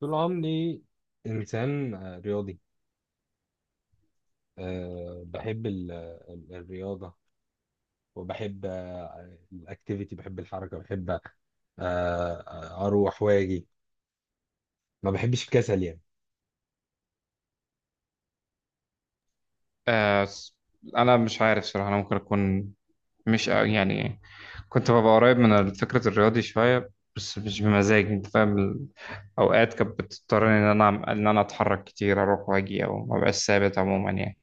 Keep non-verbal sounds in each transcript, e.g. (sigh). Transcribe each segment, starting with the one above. طول عمري إنسان رياضي. بحب الرياضة، وبحب الأكتيفيتي، بحب الحركة، بحب أروح وأجي. ما بحبش الكسل يعني. آه س- انا مش عارف صراحه، انا ممكن اكون مش أ- يعني كنت ببقى قريب من فكره الرياضي شويه، بس مش بمزاجي. انت فاهم اوقات كانت بتضطرني ان انا اتحرك كتير، اروح واجي او ما بقاش ثابت عموما يعني.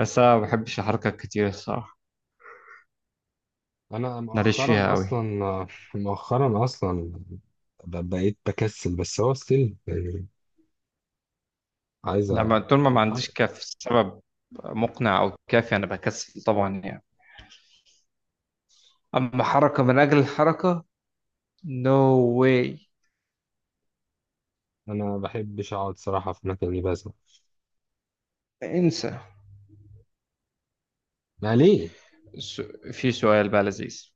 بس انا ما بحبش الحركه كتير الصراحه، أنا ماليش فيها مؤخرا قوي. أصلا (laughs) مؤخرا أصلا بقيت بكسل، بس هو ستيل يعني عايز لما طول ما ما عنديش أتحرك. كاف سبب مقنع او كافي انا بكسل طبعا يعني. اما حركه من اجل الحركه، نو، no واي. أنا ما بحبش أقعد صراحة في مكاني، بس انسى. ما ليه؟ س- في سؤال بقى لذيذ.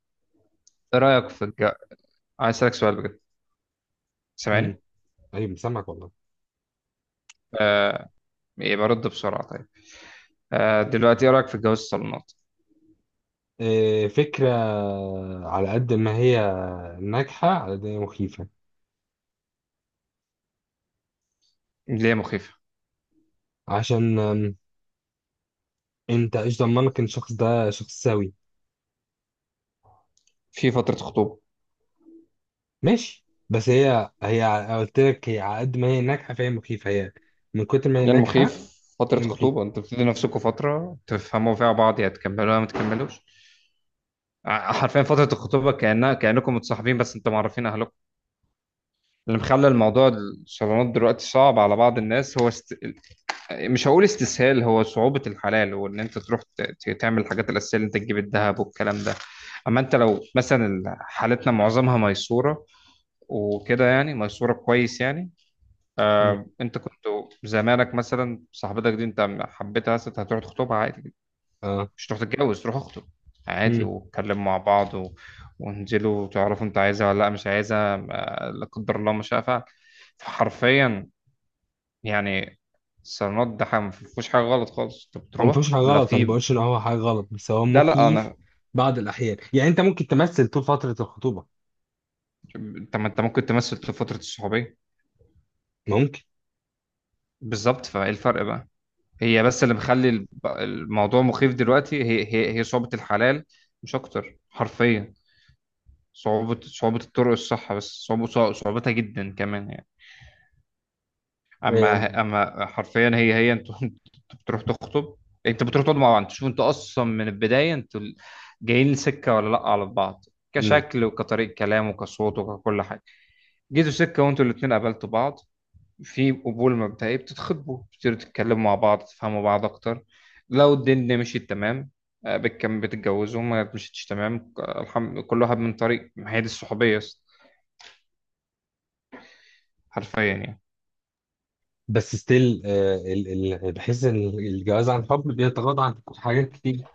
ايه رأيك في عايز أسألك سؤال بجد. مم. سامعني؟ أيوة سامعك والله. آه... إيه برد بسرعة؟ طيب، دلوقتي ايه رأيك في جواز الصالونات؟ فكرة على قد ما هي ناجحة، على قد ما هي مخيفة. ليه مخيفة؟ عشان انت ايش ضمنك ان الشخص ده شخص سوي؟ في فترة خطوبة. ماشي، بس قلت لك، هي على قد ما هي ناجحة فهي مخيفة، هي من كتر ما هي ليه ناجحة المخيف؟ فترة هي مخيفة. خطوبة، انتوا بتدوا نفسكم فترة تفهموا فيها بعض، يا تكملوها ما تكملوش. حرفيا فترة الخطوبة كأنها كأنكم متصاحبين، بس انتوا معرفين أهلكم. اللي مخلي الموضوع الصالونات دلوقتي صعب على بعض الناس هو مش هقول استسهال، هو صعوبة الحلال، وان انت تروح تعمل الحاجات الأساسية اللي انت تجيب الذهب والكلام ده. اما انت لو مثلا حالتنا معظمها ميسورة وكده، يعني ميسورة كويس يعني. مم. آه، انت كنت زمانك مثلا صاحبتك دي انت حبيتها، مثلا هتروح تخطبها عادي، اه. مش تروح تتجوز، تروح اخطب عادي مم. واتكلم مع بعض و... وانزلوا وتعرفوا انت عايزها ولا لا مش عايزها، لا قدر الله ما شاء فعل. فحرفيا يعني الصالونات ده حاجة ما فيهوش حاجة غلط خالص، انت هو ما بتروح فيهوش حاجة لا غلط، انا في. بقولش ان هو حاجة غلط، بس هو لا لا، مخيف انا، بعض الأحيان. يعني انت ممكن تمثل طول فترة الخطوبة، انت، ما انت ممكن تمثل في فترة الصحوبية. ممكن. بالظبط، فايه الفرق بقى؟ هي بس اللي مخلي الموضوع مخيف دلوقتي هي هي صعوبة الحلال، مش اكتر حرفيا. صعوبة الطرق الصح، بس صعوبتها جدا كمان يعني. آه، اما حرفيا هي انتوا (laughs) انتوا بتروح تخطب، انت بتروح تقعدوا مع بعض تشوف انتوا اصلا من البدايه انتوا جايين سكه ولا لا على بعض، مم. كشكل وكطريقه كلام وكصوت وككل حاجه. جيتوا سكه وانتوا الاثنين قابلتوا بعض، في قبول مبدئي بتتخطبوا، بتبتدوا تتكلموا مع بعض، تفهموا بعض اكتر. لو الدنيا مشيت تمام، آه، بتكم بتتجوزوا، ما مشيتش تمام، كل واحد من طريق، ما هي دي الصحوبيه حرفيا يعني. بس ستيل بحس ان الجواز عن حب بيتغاضى عن حاجات كتير.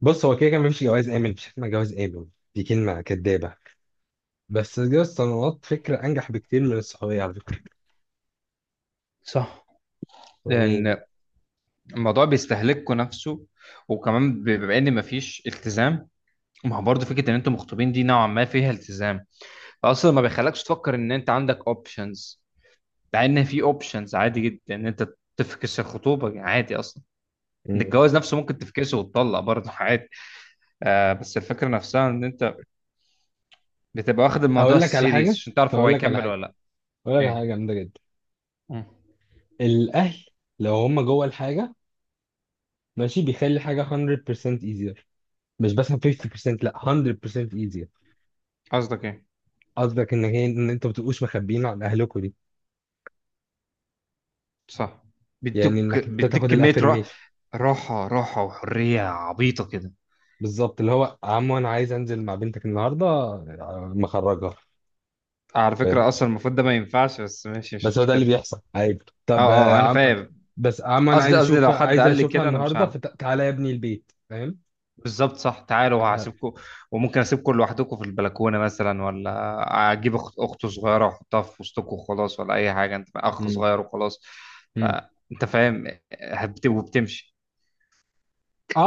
بص، هو كده كان مفيش جواز آمن، مفيش حاجة اسمها جواز آمن، دي كلمة كدابة. بس جواز الصالونات فكرة أنجح بكتير من الصحوبية على فكرة، صح، يعني. لان الموضوع بيستهلككوا نفسه. وكمان بما ان مفيش التزام، ما هو برضه فكره ان انتوا مخطوبين دي نوعا ما فيها التزام، فاصلا ما بيخلكش تفكر ان انت عندك اوبشنز. مع ان في اوبشنز عادي جدا ان انت تفكس الخطوبه عادي اصلا. إن مم. الجواز نفسه ممكن تفكسه وتطلق برضه عادي. آه، بس الفكره نفسها ان انت بتبقى واخد الموضوع أقول لك على سيريس حاجة، عشان تعرف هو أقول لك على هيكمل حاجة، ولا لا. أقول لك على ايه. حاجة جامدة جدا. مم. الأهل لو هم جوه الحاجة، ماشي، بيخلي حاجة 100% easier، مش بس 50%، لا 100% easier. قصدك ايه؟ قصدك إن هي إن أنتوا ما بتبقوش مخبيين عن أهلكوا دي، صح، يعني بيدوك إنك أنت بيديك تاخد كميه راحه. الأفرميشن. راحه وحريه عبيطه كده. بالظبط، اللي هو عمو أنا عايز أنزل مع بنتك النهاردة مخرجها. على فكرة أصلا المفروض ده ما ينفعش، بس ماشي مش بس هو ده اللي مشكلة. بيحصل عادي. أه طب آه، أه، أنا عم... فاهم. بس انا قصدي، قصدي لو حد عايز قال لي اشوفها كده أنا مش النهارده، هعمل. فتعالى يا ابني البيت، فاهم؟ بالظبط صح، تعالوا ه- وهسيبكم. وممكن أسيبكم لوحدكم في البلكونة مثلا، ولا أجيب أخت أخته صغيرة وأحطها في وسطكم وخلاص، ولا أي حاجة، أنت أخ مم. صغير وخلاص. ف- مم. أنت فاهم، وبتمشي.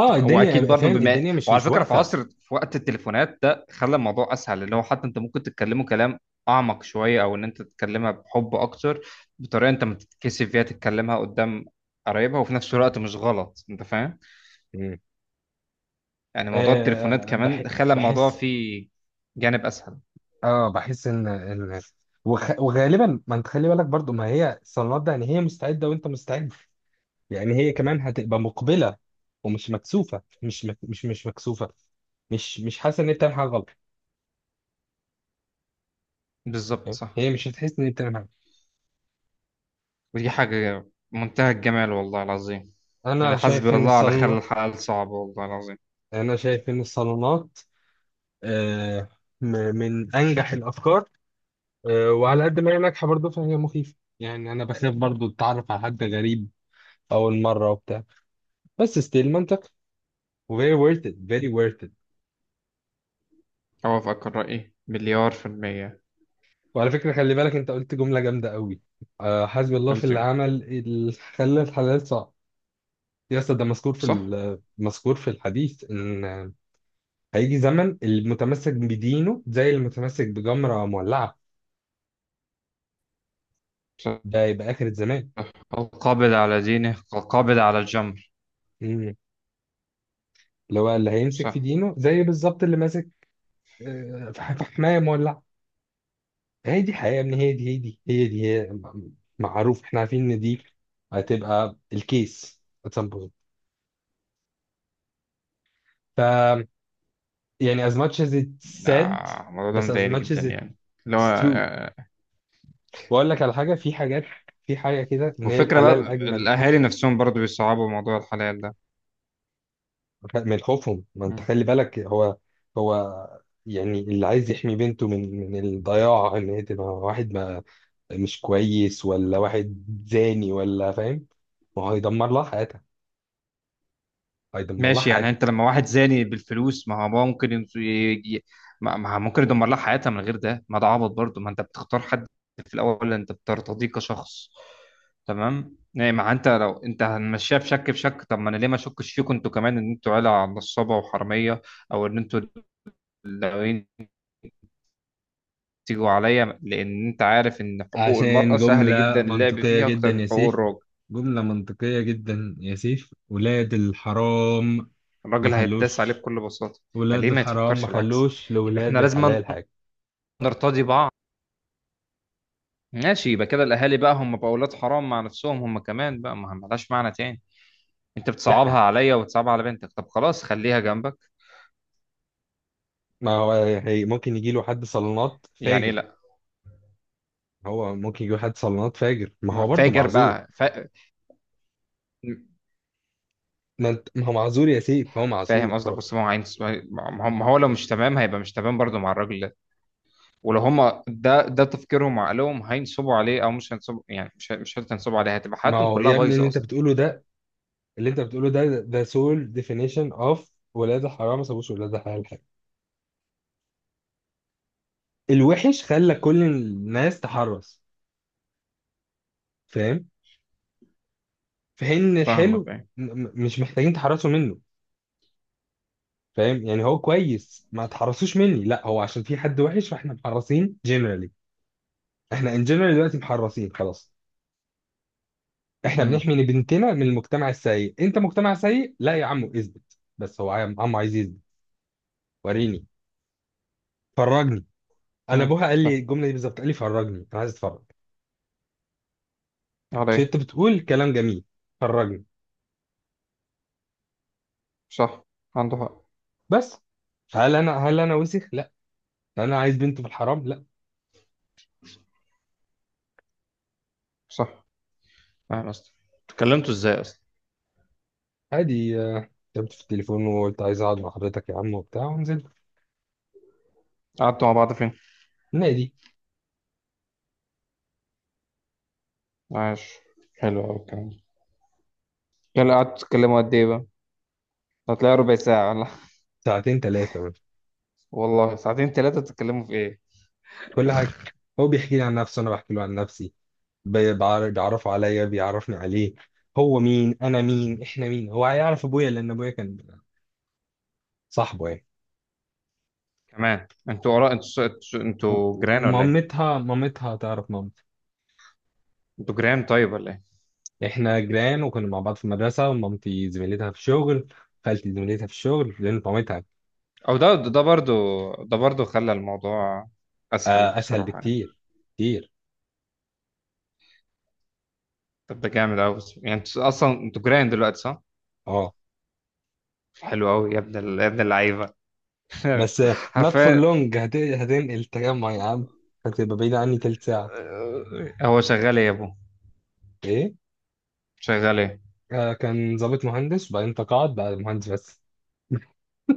أنت واكيد الدنيا برضو، فاهم، بما الدنيا مش وعلى مش فكره في واقفه. عصر، في وقت التليفونات ده خلى الموضوع اسهل، اللي هو حتى انت ممكن تتكلموا كلام اعمق شويه، او ان انت تتكلمها بحب اكتر بطريقه انت ما تتكسف فيها تتكلمها قدام قرايبها، وفي نفس الوقت مش غلط. انت فاهم مم. يعني، موضوع التليفونات آه بح... كمان خلى الموضوع بحس. فيه جانب اسهل. اه، بحس ان وغالبا، ما انت خلي بالك برضو، ما هي الصالونات ده يعني هي مستعده وانت مستعد، يعني هي كمان هتبقى مقبله، ومش مكسوفه، مش مك... مش مش مكسوفه، مش مش حاسه ان هي بتعمل حاجه غلط. بالظبط فاهم؟ صح. هي مش هتحس ان هي بتعمل حاجه. ودي حاجه منتهى الجمال والله العظيم. انا يعني حسبي شايف ان الله على خلى الصالونات، الحلال صعب والله العظيم. أنا شايف إن الصالونات آه، م- من أنجح الأفكار. وعلى قد ما هي ناجحة برضه، فهي مخيفة، يعني أنا بخاف برضه أتعرف على حد غريب أول مرة وبتاع. بس ستيل منطقي، وفيري worth it، very worth it. اوافقك الراي مليار في الميه. وعلى فكرة خلي بالك، أنت قلت جملة جامدة قوي. حسبي الله في قلت اللي إيه؟ عمل اللي خلى الحلال صعب. يا أسطى، ده مذكور صح. مذكور في الحديث إن هيجي زمن، المتمسك بدينه زي المتمسك بجمرة مولعة. ده يبقى آخر الزمان. صح، القابض على دينه كالقابض على الجمر. اللي هو اللي هيمسك صح. في دينه زي بالظبط اللي ماسك في حماية مولعة. هي دي حقيقة يا ابني، هي دي هي دي هي دي هي م- معروف، احنا عارفين ان دي هتبقى الكيس at some point. ف يعني as much as it's said، آه، الموضوع ده بس as مضايقني much جدا as يعني، اللي هو it's true. آه، واقول لك على حاجة، في حاجات، في حاجة كده ان هي وفكرة بقى الحلال اجمل. الأهالي نفسهم برضو بيصعبوا موضوع الحلال ده. من خوفهم، ما انت مم. خلي بالك، هو يعني اللي عايز يحمي بنته من الضياع، ان هي تبقى واحد مش كويس، ولا واحد زاني، ولا فاهم. ما هو هيدمر لها حياتها، هيدمر لها ماشي يعني، حياتها. أنت لما واحد زاني بالفلوس، ما هو بقى ممكن ما ما هو ممكن يدمر لها حياتها من غير ده، ما ده عبط برضو. ما أنت بتختار حد في الأول أنت بترتضيه كشخص تمام يعني. ما أنت لو أنت هنمشيها بشك بشك، طب ما أنا ليه ما أشكش فيكم أنتوا كمان إن أنتوا عيلة نصابة وحرامية، أو إن أنتوا تيجوا عليا، لأن أنت عارف إن حقوق عشان المرأة سهل جدا جملة اللعب منطقية فيها جدا أكتر من يا حقوق سيف، الراجل. جملة منطقية جدا يا سيف. ولاد الحرام ما الراجل هيتداس عليه خلوش، بكل بساطة. ولاد فليه ما الحرام ما يتفكرش العكس؟ خلوش يبقى إحنا لولاد لازم الحلال حاجة. نرتضي بعض. ماشي، يبقى كده الأهالي بقى هم بقى أولاد حرام مع نفسهم هم كمان بقى، ما ملهاش معنى تاني. أنت بتصعبها لا، عليا وبتصعبها على بنتك، طب خلاص خليها جنبك. ما هو هي ممكن يجي له حد صالونات يعني إيه فاجر، لأ؟ هو ممكن يجي له حد صالونات فاجر، ما هو مع برضه فاجر معذور. بقى ما هو معذور يا سيف، هو فاهم معذور، قصدك. بص ما هو عين، ما هو لو مش تمام هيبقى مش تمام برضه مع الراجل. ولو هم ده ده تفكيرهم وعقلهم هينصبوا عليه او مش هينصبوا، يعني مش شرط هينصبوا عليه، هتبقى ما حياتهم هو كلها يا ابني اللي بايظه انت اصلا. بتقوله ده، اللي انت بتقوله ده، ده سول ديفينيشن اوف ولاد الحرام ما سابوش ولاد الحلال حاجه. الوحش خلى كل الناس تحرص، فاهم، في حين ان فاهمك الحلو بقى. مش محتاجين تحرصوا منه، فاهم؟ يعني هو كويس، ما تحرصوش مني، لا هو عشان في حد وحش فاحنا محرصين جنرالي. احنا ان جنرال دلوقتي محرصين خلاص، احنا امم. بنحمي بنتنا من المجتمع السيء. انت مجتمع سيء؟ لا يا عمو، اثبت بس، هو عم عايز يثبت. وريني، فرجني. انا امم، ابوها قال لي فاهم الجمله دي بالظبط، قال لي فرجني، انا عايز اتفرج. مش عليه. انت بتقول كلام جميل؟ خرجني. صح، عنده حق. بس، هل انا وسخ؟ لا، انا عايز بنت في الحرام؟ لا. صح. فاهم. اصلا اتكلمتوا ازاي اصلا؟ عادي، كتبت في التليفون وقلت عايز اقعد مع حضرتك يا عم وبتاع، ونزلت. قعدتوا مع بعض فين؟ النادي. عاش. حلو قوي الكلام ده. يلا، قعدتوا تتكلموا قد ايه بقى؟ هتلاقي ربع ساعه ولا (laughs) ساعتين ثلاثه. والله ساعتين ثلاثه؟ تتكلموا في ايه؟ كل حاجه، هو بيحكي لي عن نفسه، انا بحكي له عن نفسي، بيعرفه عليا، بيعرفني عليه. هو مين، انا مين، احنا مين. هو هيعرف ابويا، لان ابويا كان صاحبه يعني. كمان انتوا قرا، انتوا انتوا انتوا جيران ولا ايه؟ ومامتها، مامتها تعرف مامتي. انتوا جيران طيب ولا ايه؟ احنا جيران، وكنا مع بعض في المدرسه، ومامتي زميلتها في الشغل، خالتي زميلتها في الشغل لان طعمتها. او ده ده برضو، ده برضو خلى الموضوع اسهل اسهل بصراحه يعني. بكتير، كتير. طب ده جامد قوي يعني، انت اصلا انتوا جيران دلوقتي صح؟ اه، حلو قوي يا ابن يا ابن اللعيبه. بس (laughs) نوت فور حرفيا. لونج، هتنقل التجمع يا عم، هتبقى بعيد عني تلت ساعه. آه، هو شغال ايه يا ابو؟ ايه؟ شغال ايه؟ آه، كان ضابط مهندس، وبعدين تقاعد بقى مهندس بس.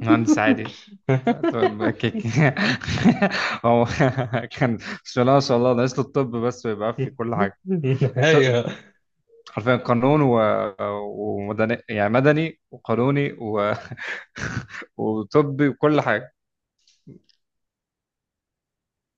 مهندس عادي. طب كيك. (laughs) هو كان، بسم الله ما شاء الله، ناقص له الطب بس ويبقى في كل حاجه. ط- ايوه. حرفيا قانون و... ومدني، يعني مدني وقانوني و... (laughs) وطبي وكل حاجه.